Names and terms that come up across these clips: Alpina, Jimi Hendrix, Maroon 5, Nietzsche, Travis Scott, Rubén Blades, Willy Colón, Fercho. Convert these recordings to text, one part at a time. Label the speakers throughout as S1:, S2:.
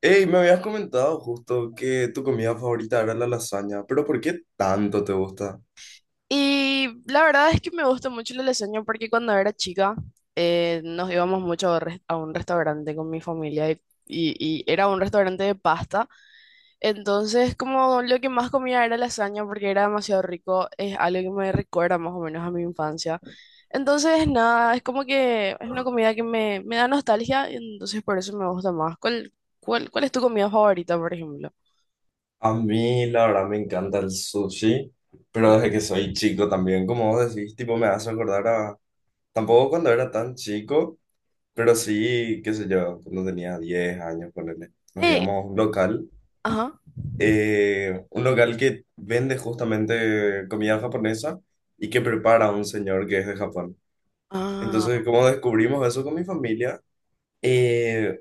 S1: Hey, me habías comentado justo que tu comida favorita era la lasaña, pero ¿por qué tanto te gusta?
S2: Y la verdad es que me gusta mucho la lasaña porque cuando era chica nos íbamos mucho a un restaurante con mi familia y era un restaurante de pasta. Entonces como lo que más comía era lasaña porque era demasiado rico, es algo que me recuerda más o menos a mi infancia. Entonces nada, es como que es una comida que me da nostalgia y entonces por eso me gusta más. ¿ cuál es tu comida favorita, por ejemplo?
S1: A mí, la verdad, me encanta el sushi, pero
S2: Mm.
S1: desde que soy chico también, como vos decís, tipo, me hace acordar a. Tampoco cuando era tan chico, pero sí, qué sé yo, cuando tenía 10 años, ponele. Nos
S2: Ey,
S1: íbamos a
S2: ajá.
S1: un local que vende justamente comida japonesa y que prepara un señor que es de Japón. ¿Entonces,
S2: Ah,
S1: como descubrimos eso con mi familia? eh,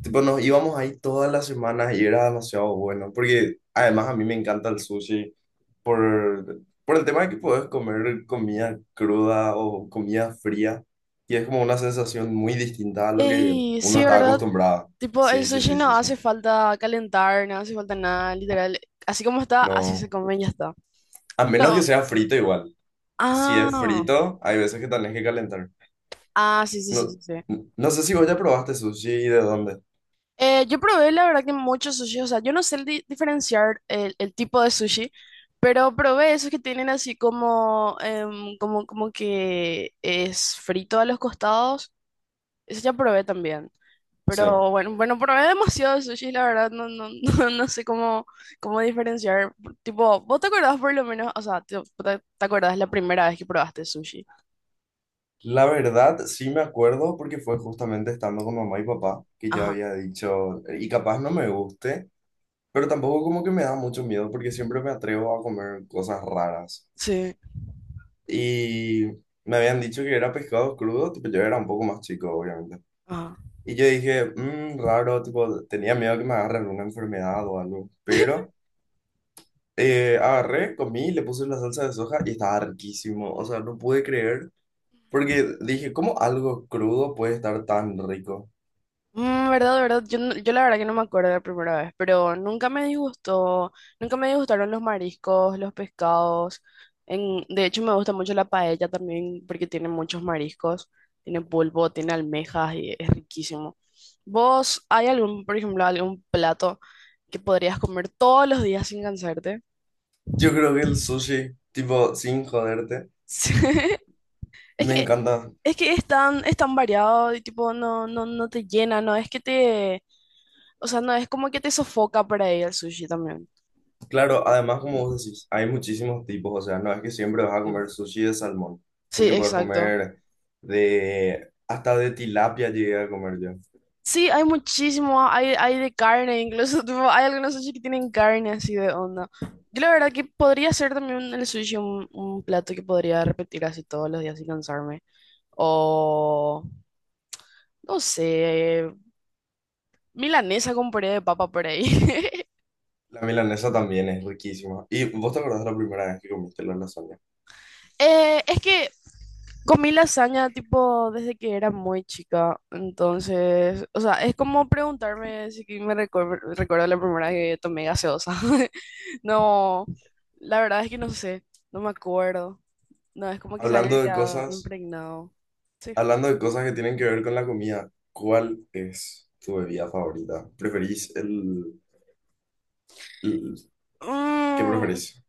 S1: Tipo, nos íbamos ahí todas las semanas y era demasiado bueno, porque además a mí me encanta el sushi por el tema de que puedes comer comida cruda o comida fría y es como una sensación muy distinta a lo que
S2: ey,
S1: uno
S2: sí,
S1: está
S2: ¿verdad?
S1: acostumbrado.
S2: Tipo, el
S1: Sí, sí,
S2: sushi
S1: sí,
S2: no
S1: sí, sí.
S2: hace falta calentar, no hace falta nada, literal. Así como está, así se
S1: No,
S2: come y ya está.
S1: a menos que
S2: Pero,
S1: sea frito igual. Si es
S2: ah,
S1: frito, hay veces que tenés que calentar.
S2: ah, sí, sí,
S1: No,
S2: sí, sí, sí.
S1: no sé si vos ya probaste sushi y de dónde.
S2: Yo probé, la verdad, que muchos sushi, o sea, yo no sé diferenciar el tipo de sushi, pero probé esos que tienen así como, como, como que es frito a los costados. Eso ya probé también.
S1: Sí.
S2: Pero bueno, probé demasiado sushi, la verdad, no sé cómo, cómo diferenciar. Tipo, ¿vos te acordás por lo menos? O sea, te acordás la primera vez que probaste sushi.
S1: La verdad, sí me acuerdo porque fue justamente estando con mamá y papá que yo
S2: Ajá,
S1: había dicho, y capaz no me guste, pero tampoco como que me da mucho miedo porque siempre me atrevo a comer cosas raras.
S2: sí,
S1: Y me habían dicho que era pescado crudo, tipo yo era un poco más chico, obviamente.
S2: ajá.
S1: Y yo dije, raro, tipo tenía miedo que me agarre alguna enfermedad o algo, pero agarré, comí, le puse la salsa de soja y estaba riquísimo, o sea, no pude creer. Porque dije, ¿cómo algo crudo puede estar tan rico?
S2: Mm, verdad, verdad. Yo, yo la verdad que no me acuerdo de la primera vez, pero nunca me disgustó, nunca me disgustaron los mariscos, los pescados. De hecho, me gusta mucho la paella también porque tiene muchos mariscos, tiene pulpo, tiene almejas y es riquísimo. ¿Vos hay algún, por ejemplo, algún plato que podrías comer todos los días sin cansarte?
S1: Yo creo que el sushi, tipo, sin joderte,
S2: Sí. Es
S1: me
S2: que,
S1: encanta.
S2: es que es tan variado y tipo no, no, no te llena, no es que o sea, no es como que te sofoca por ahí el sushi también.
S1: Claro, además, como vos decís, hay muchísimos tipos, o sea, no es que siempre vas a
S2: Sí,
S1: comer sushi de salmón,
S2: sí,
S1: porque puedes
S2: exacto.
S1: comer de, hasta de tilapia llegué a comer yo.
S2: Sí, hay muchísimo, hay de carne, incluso tipo, hay algunos sushi que tienen carne así de onda. Yo la verdad que podría ser también el sushi un plato que podría repetir así todos los días sin cansarme. O, no sé, milanesa con puré de papa por ahí.
S1: La milanesa también es riquísima. ¿Y vos te acordás de la primera vez que comiste la lasaña?
S2: Es que comí lasaña tipo desde que era muy chica, entonces, o sea, es como preguntarme si que me recuerdo la primera vez que tomé gaseosa. No, la verdad es que no sé, no me acuerdo. No, es como que se
S1: Hablando
S2: haya
S1: de
S2: quedado
S1: cosas,
S2: impregnado. Sí.
S1: hablando de cosas que tienen que ver con la comida, ¿cuál es tu bebida favorita? ¿Preferís el- qué
S2: Mm,
S1: preferís?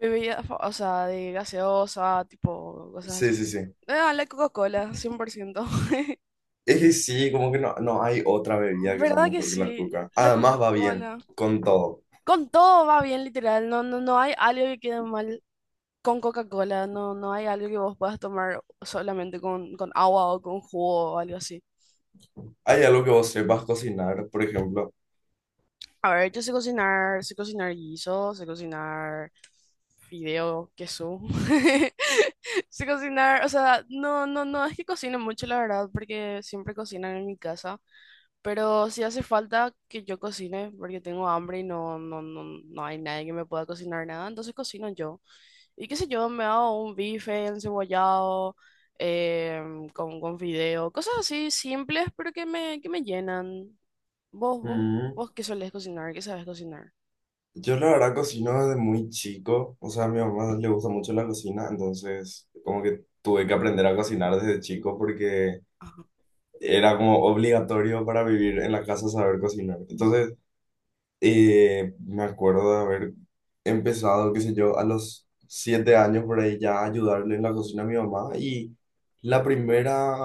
S2: o sea, de gaseosa, tipo, cosas
S1: Sí,
S2: así.
S1: sí, sí.
S2: Ah, la Coca-Cola, 100%.
S1: Es que sí, como que no, no hay otra bebida que sea
S2: ¿Verdad que
S1: mejor que la
S2: sí?
S1: coca.
S2: La
S1: Además va bien
S2: Coca-Cola.
S1: con todo.
S2: Con todo va bien, literal. No hay algo que quede mal con Coca-Cola. No, no hay algo que vos puedas tomar solamente con agua o con jugo o algo así.
S1: ¿Hay algo que vos sepas cocinar, por ejemplo?
S2: A ver, yo sé cocinar guiso, sé cocinar fideo, queso. Sé cocinar, o sea, no es que cocine mucho, la verdad, porque siempre cocinan en mi casa. Pero si hace falta que yo cocine, porque tengo hambre y no hay nadie que me pueda cocinar nada, entonces cocino yo. Y qué sé yo, me hago un bife encebollado, con fideo, cosas así simples, pero que que me llenan. ¿Vos, vos
S1: Mm.
S2: ¿Vos qué solés cocinar? ¿Qué sabes cocinar?
S1: Yo la verdad cocino desde muy chico. O sea, a mi mamá le gusta mucho la cocina, entonces como que tuve que aprender a cocinar desde chico porque
S2: Ajá.
S1: era como obligatorio para vivir en la casa saber cocinar. Entonces me acuerdo de haber empezado, qué sé yo, a los 7 años por ahí ya a ayudarle en la cocina a mi mamá y la primera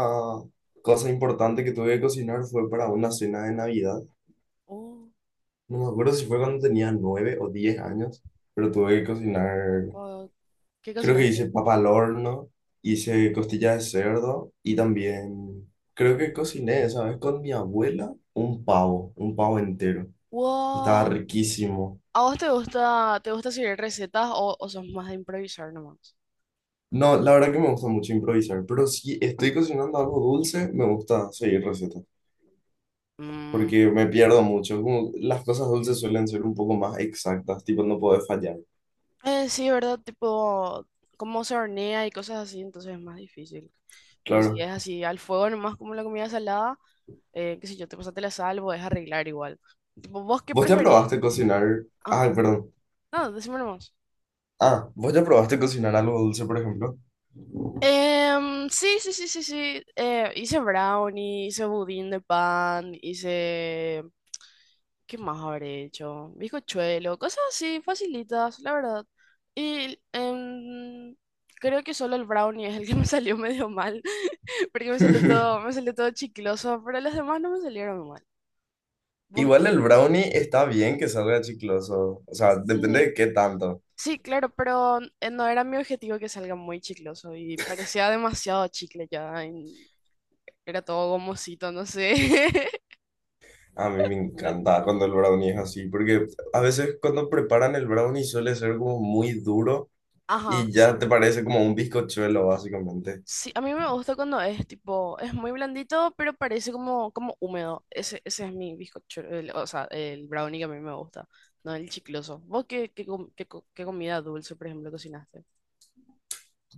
S1: cosa importante que tuve que cocinar fue para una cena de Navidad.
S2: Oh,
S1: No me acuerdo si fue cuando tenía 9 o 10 años, pero tuve que cocinar,
S2: ¿O ¿Qué
S1: creo que
S2: cocinaste?
S1: hice papa al horno, hice costilla de cerdo y también creo que cociné, ¿sabes? Con mi abuela un pavo entero. Estaba
S2: Wow.
S1: riquísimo.
S2: ¿A vos te gusta seguir recetas o sos más de improvisar nomás?
S1: No, la verdad que me gusta mucho improvisar, pero si estoy cocinando algo dulce, me gusta seguir recetas,
S2: Mm.
S1: porque me pierdo mucho. Como las cosas dulces suelen ser un poco más exactas, tipo no puedes fallar.
S2: Sí, ¿verdad? Tipo, cómo se hornea y cosas así, entonces es más difícil. Pero si
S1: Claro.
S2: es así, al fuego nomás como la comida salada, qué sé yo, te pasaste la sal, podés arreglar igual. Tipo, ¿vos qué
S1: ¿Vos te
S2: preferís?
S1: probaste cocinar?
S2: Ah,
S1: Ah, perdón.
S2: no, decime nomás.
S1: Ah, ¿vos ya probaste cocinar algo dulce, por ejemplo?
S2: Em, sí, sí, sí, sí, sí. Hice brownie, hice budín de pan, hice... ¿Qué más habré hecho? Bizcochuelo, cosas así, facilitas, la verdad. Y creo que solo el brownie es el que me salió medio mal, porque me salió todo chicloso, pero las demás no me salieron mal. ¿Vos
S1: Igual
S2: qué?
S1: el brownie está bien que salga chicloso, o sea,
S2: Sí,
S1: depende de qué tanto.
S2: sí, claro, pero no era mi objetivo que salga muy chicloso y parecía demasiado chicle ya. Y Era todo gomosito, no sé.
S1: A mí me encanta cuando el brownie es así, porque a veces cuando preparan el brownie suele ser como muy duro.
S2: Ajá,
S1: Y
S2: sí.
S1: ya te parece como un bizcochuelo, básicamente.
S2: Sí, a mí me gusta cuando es tipo, es muy blandito, pero parece como, como húmedo. Ese es mi bizcocho, o sea, el brownie que a mí me gusta, no el chicloso. ¿Vos qué, qué, com- qué co- Qué comida dulce, por ejemplo, cocinaste?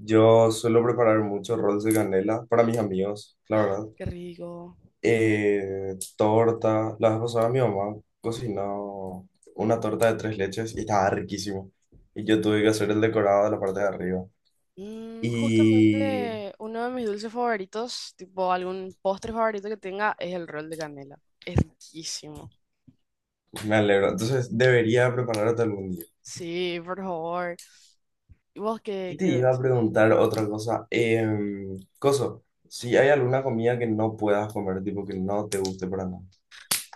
S1: Yo suelo preparar mucho rolls de canela para mis amigos, la
S2: ¡Ah!
S1: verdad.
S2: ¡Qué rico!
S1: Torta. La vez pasada mi mamá cocinó una torta de tres leches y estaba riquísimo. Y yo tuve que hacer el decorado de la parte de arriba.
S2: Mm,
S1: Y
S2: justamente uno de mis dulces favoritos, tipo algún postre favorito que tenga, es el rol de canela. Es riquísimo.
S1: me alegro. Entonces, debería prepararte algún día.
S2: Sí, por favor. ¿Y vos qué,
S1: ¿Qué te
S2: qué
S1: iba a
S2: dulce?
S1: preguntar otra cosa? Coso, si hay alguna comida que no puedas comer, tipo que no te guste para nada.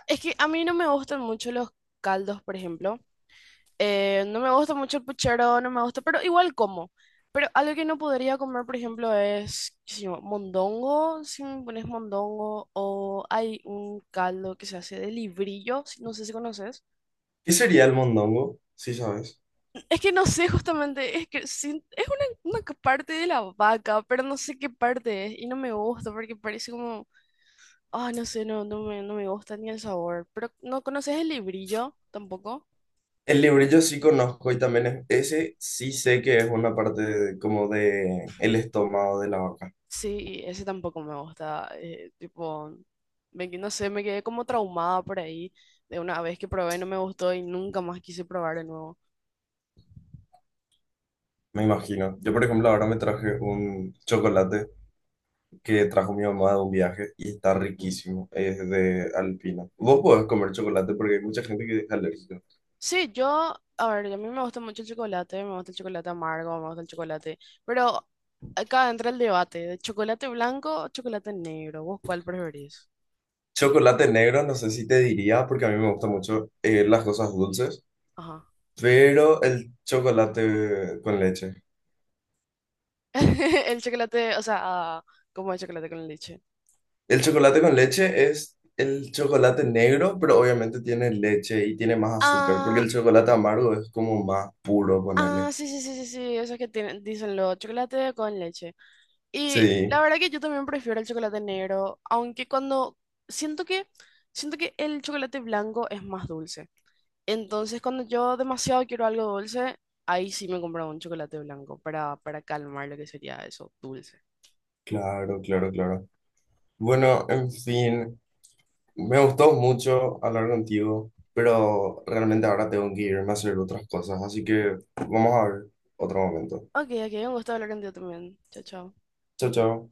S2: Es que a mí no me gustan mucho los caldos, por ejemplo. No me gusta mucho el puchero, no me gusta, pero igual como. Pero algo que no podría comer, por ejemplo, es qué sé yo, mondongo, si me pones mondongo, o hay un caldo que se hace de librillo, no sé si conoces.
S1: ¿Qué sería el mondongo? Sí, sabes.
S2: Es que no sé justamente, es que sin- es una parte de la vaca, pero no sé qué parte es y no me gusta porque parece como, ah, no sé, no me gusta ni el sabor. Pero ¿no conoces el librillo tampoco?
S1: El librillo sí conozco y también es, ese sí sé que es una parte de- como de el estómago de la vaca,
S2: Sí, ese tampoco me gusta. Tipo, no sé, me quedé como traumada por ahí de una vez que probé, no me gustó y nunca más quise probar de nuevo.
S1: me imagino. Yo, por ejemplo, ahora me traje un chocolate que trajo mi mamá de un viaje y está riquísimo, es de Alpina. Vos podés comer chocolate porque hay mucha gente que es alérgica.
S2: Sí, yo, a ver, a mí me gusta mucho el chocolate, me gusta el chocolate amargo, me gusta el chocolate, pero acá entra el debate de chocolate blanco o chocolate negro, ¿vos cuál preferís?
S1: Chocolate negro, no sé si te diría porque a mí me gustan mucho las cosas dulces,
S2: Ajá.
S1: pero el chocolate con leche.
S2: El chocolate, o sea, ah, como el chocolate con leche.
S1: El chocolate con leche es el chocolate negro, pero obviamente tiene leche y tiene más azúcar, porque
S2: Ah,
S1: el chocolate amargo es como más puro,
S2: ah,
S1: ponerle.
S2: sí, sí, sí, sí, sí, eso es que tienen, dicen lo chocolate con leche. Y
S1: Sí,
S2: la verdad que yo también prefiero el chocolate negro, aunque cuando siento que siento que el chocolate blanco es más dulce. Entonces, cuando yo demasiado quiero algo dulce, ahí sí me compro un chocolate blanco para calmar lo que sería eso, dulce.
S1: claro, claro, claro. Bueno, en fin, me gustó mucho hablar contigo, pero realmente ahora tengo que irme a hacer otras cosas, así que vamos a ver otro momento.
S2: Ok, ok, un gusto hablar contigo también. Chao, chao.
S1: Chao, chao.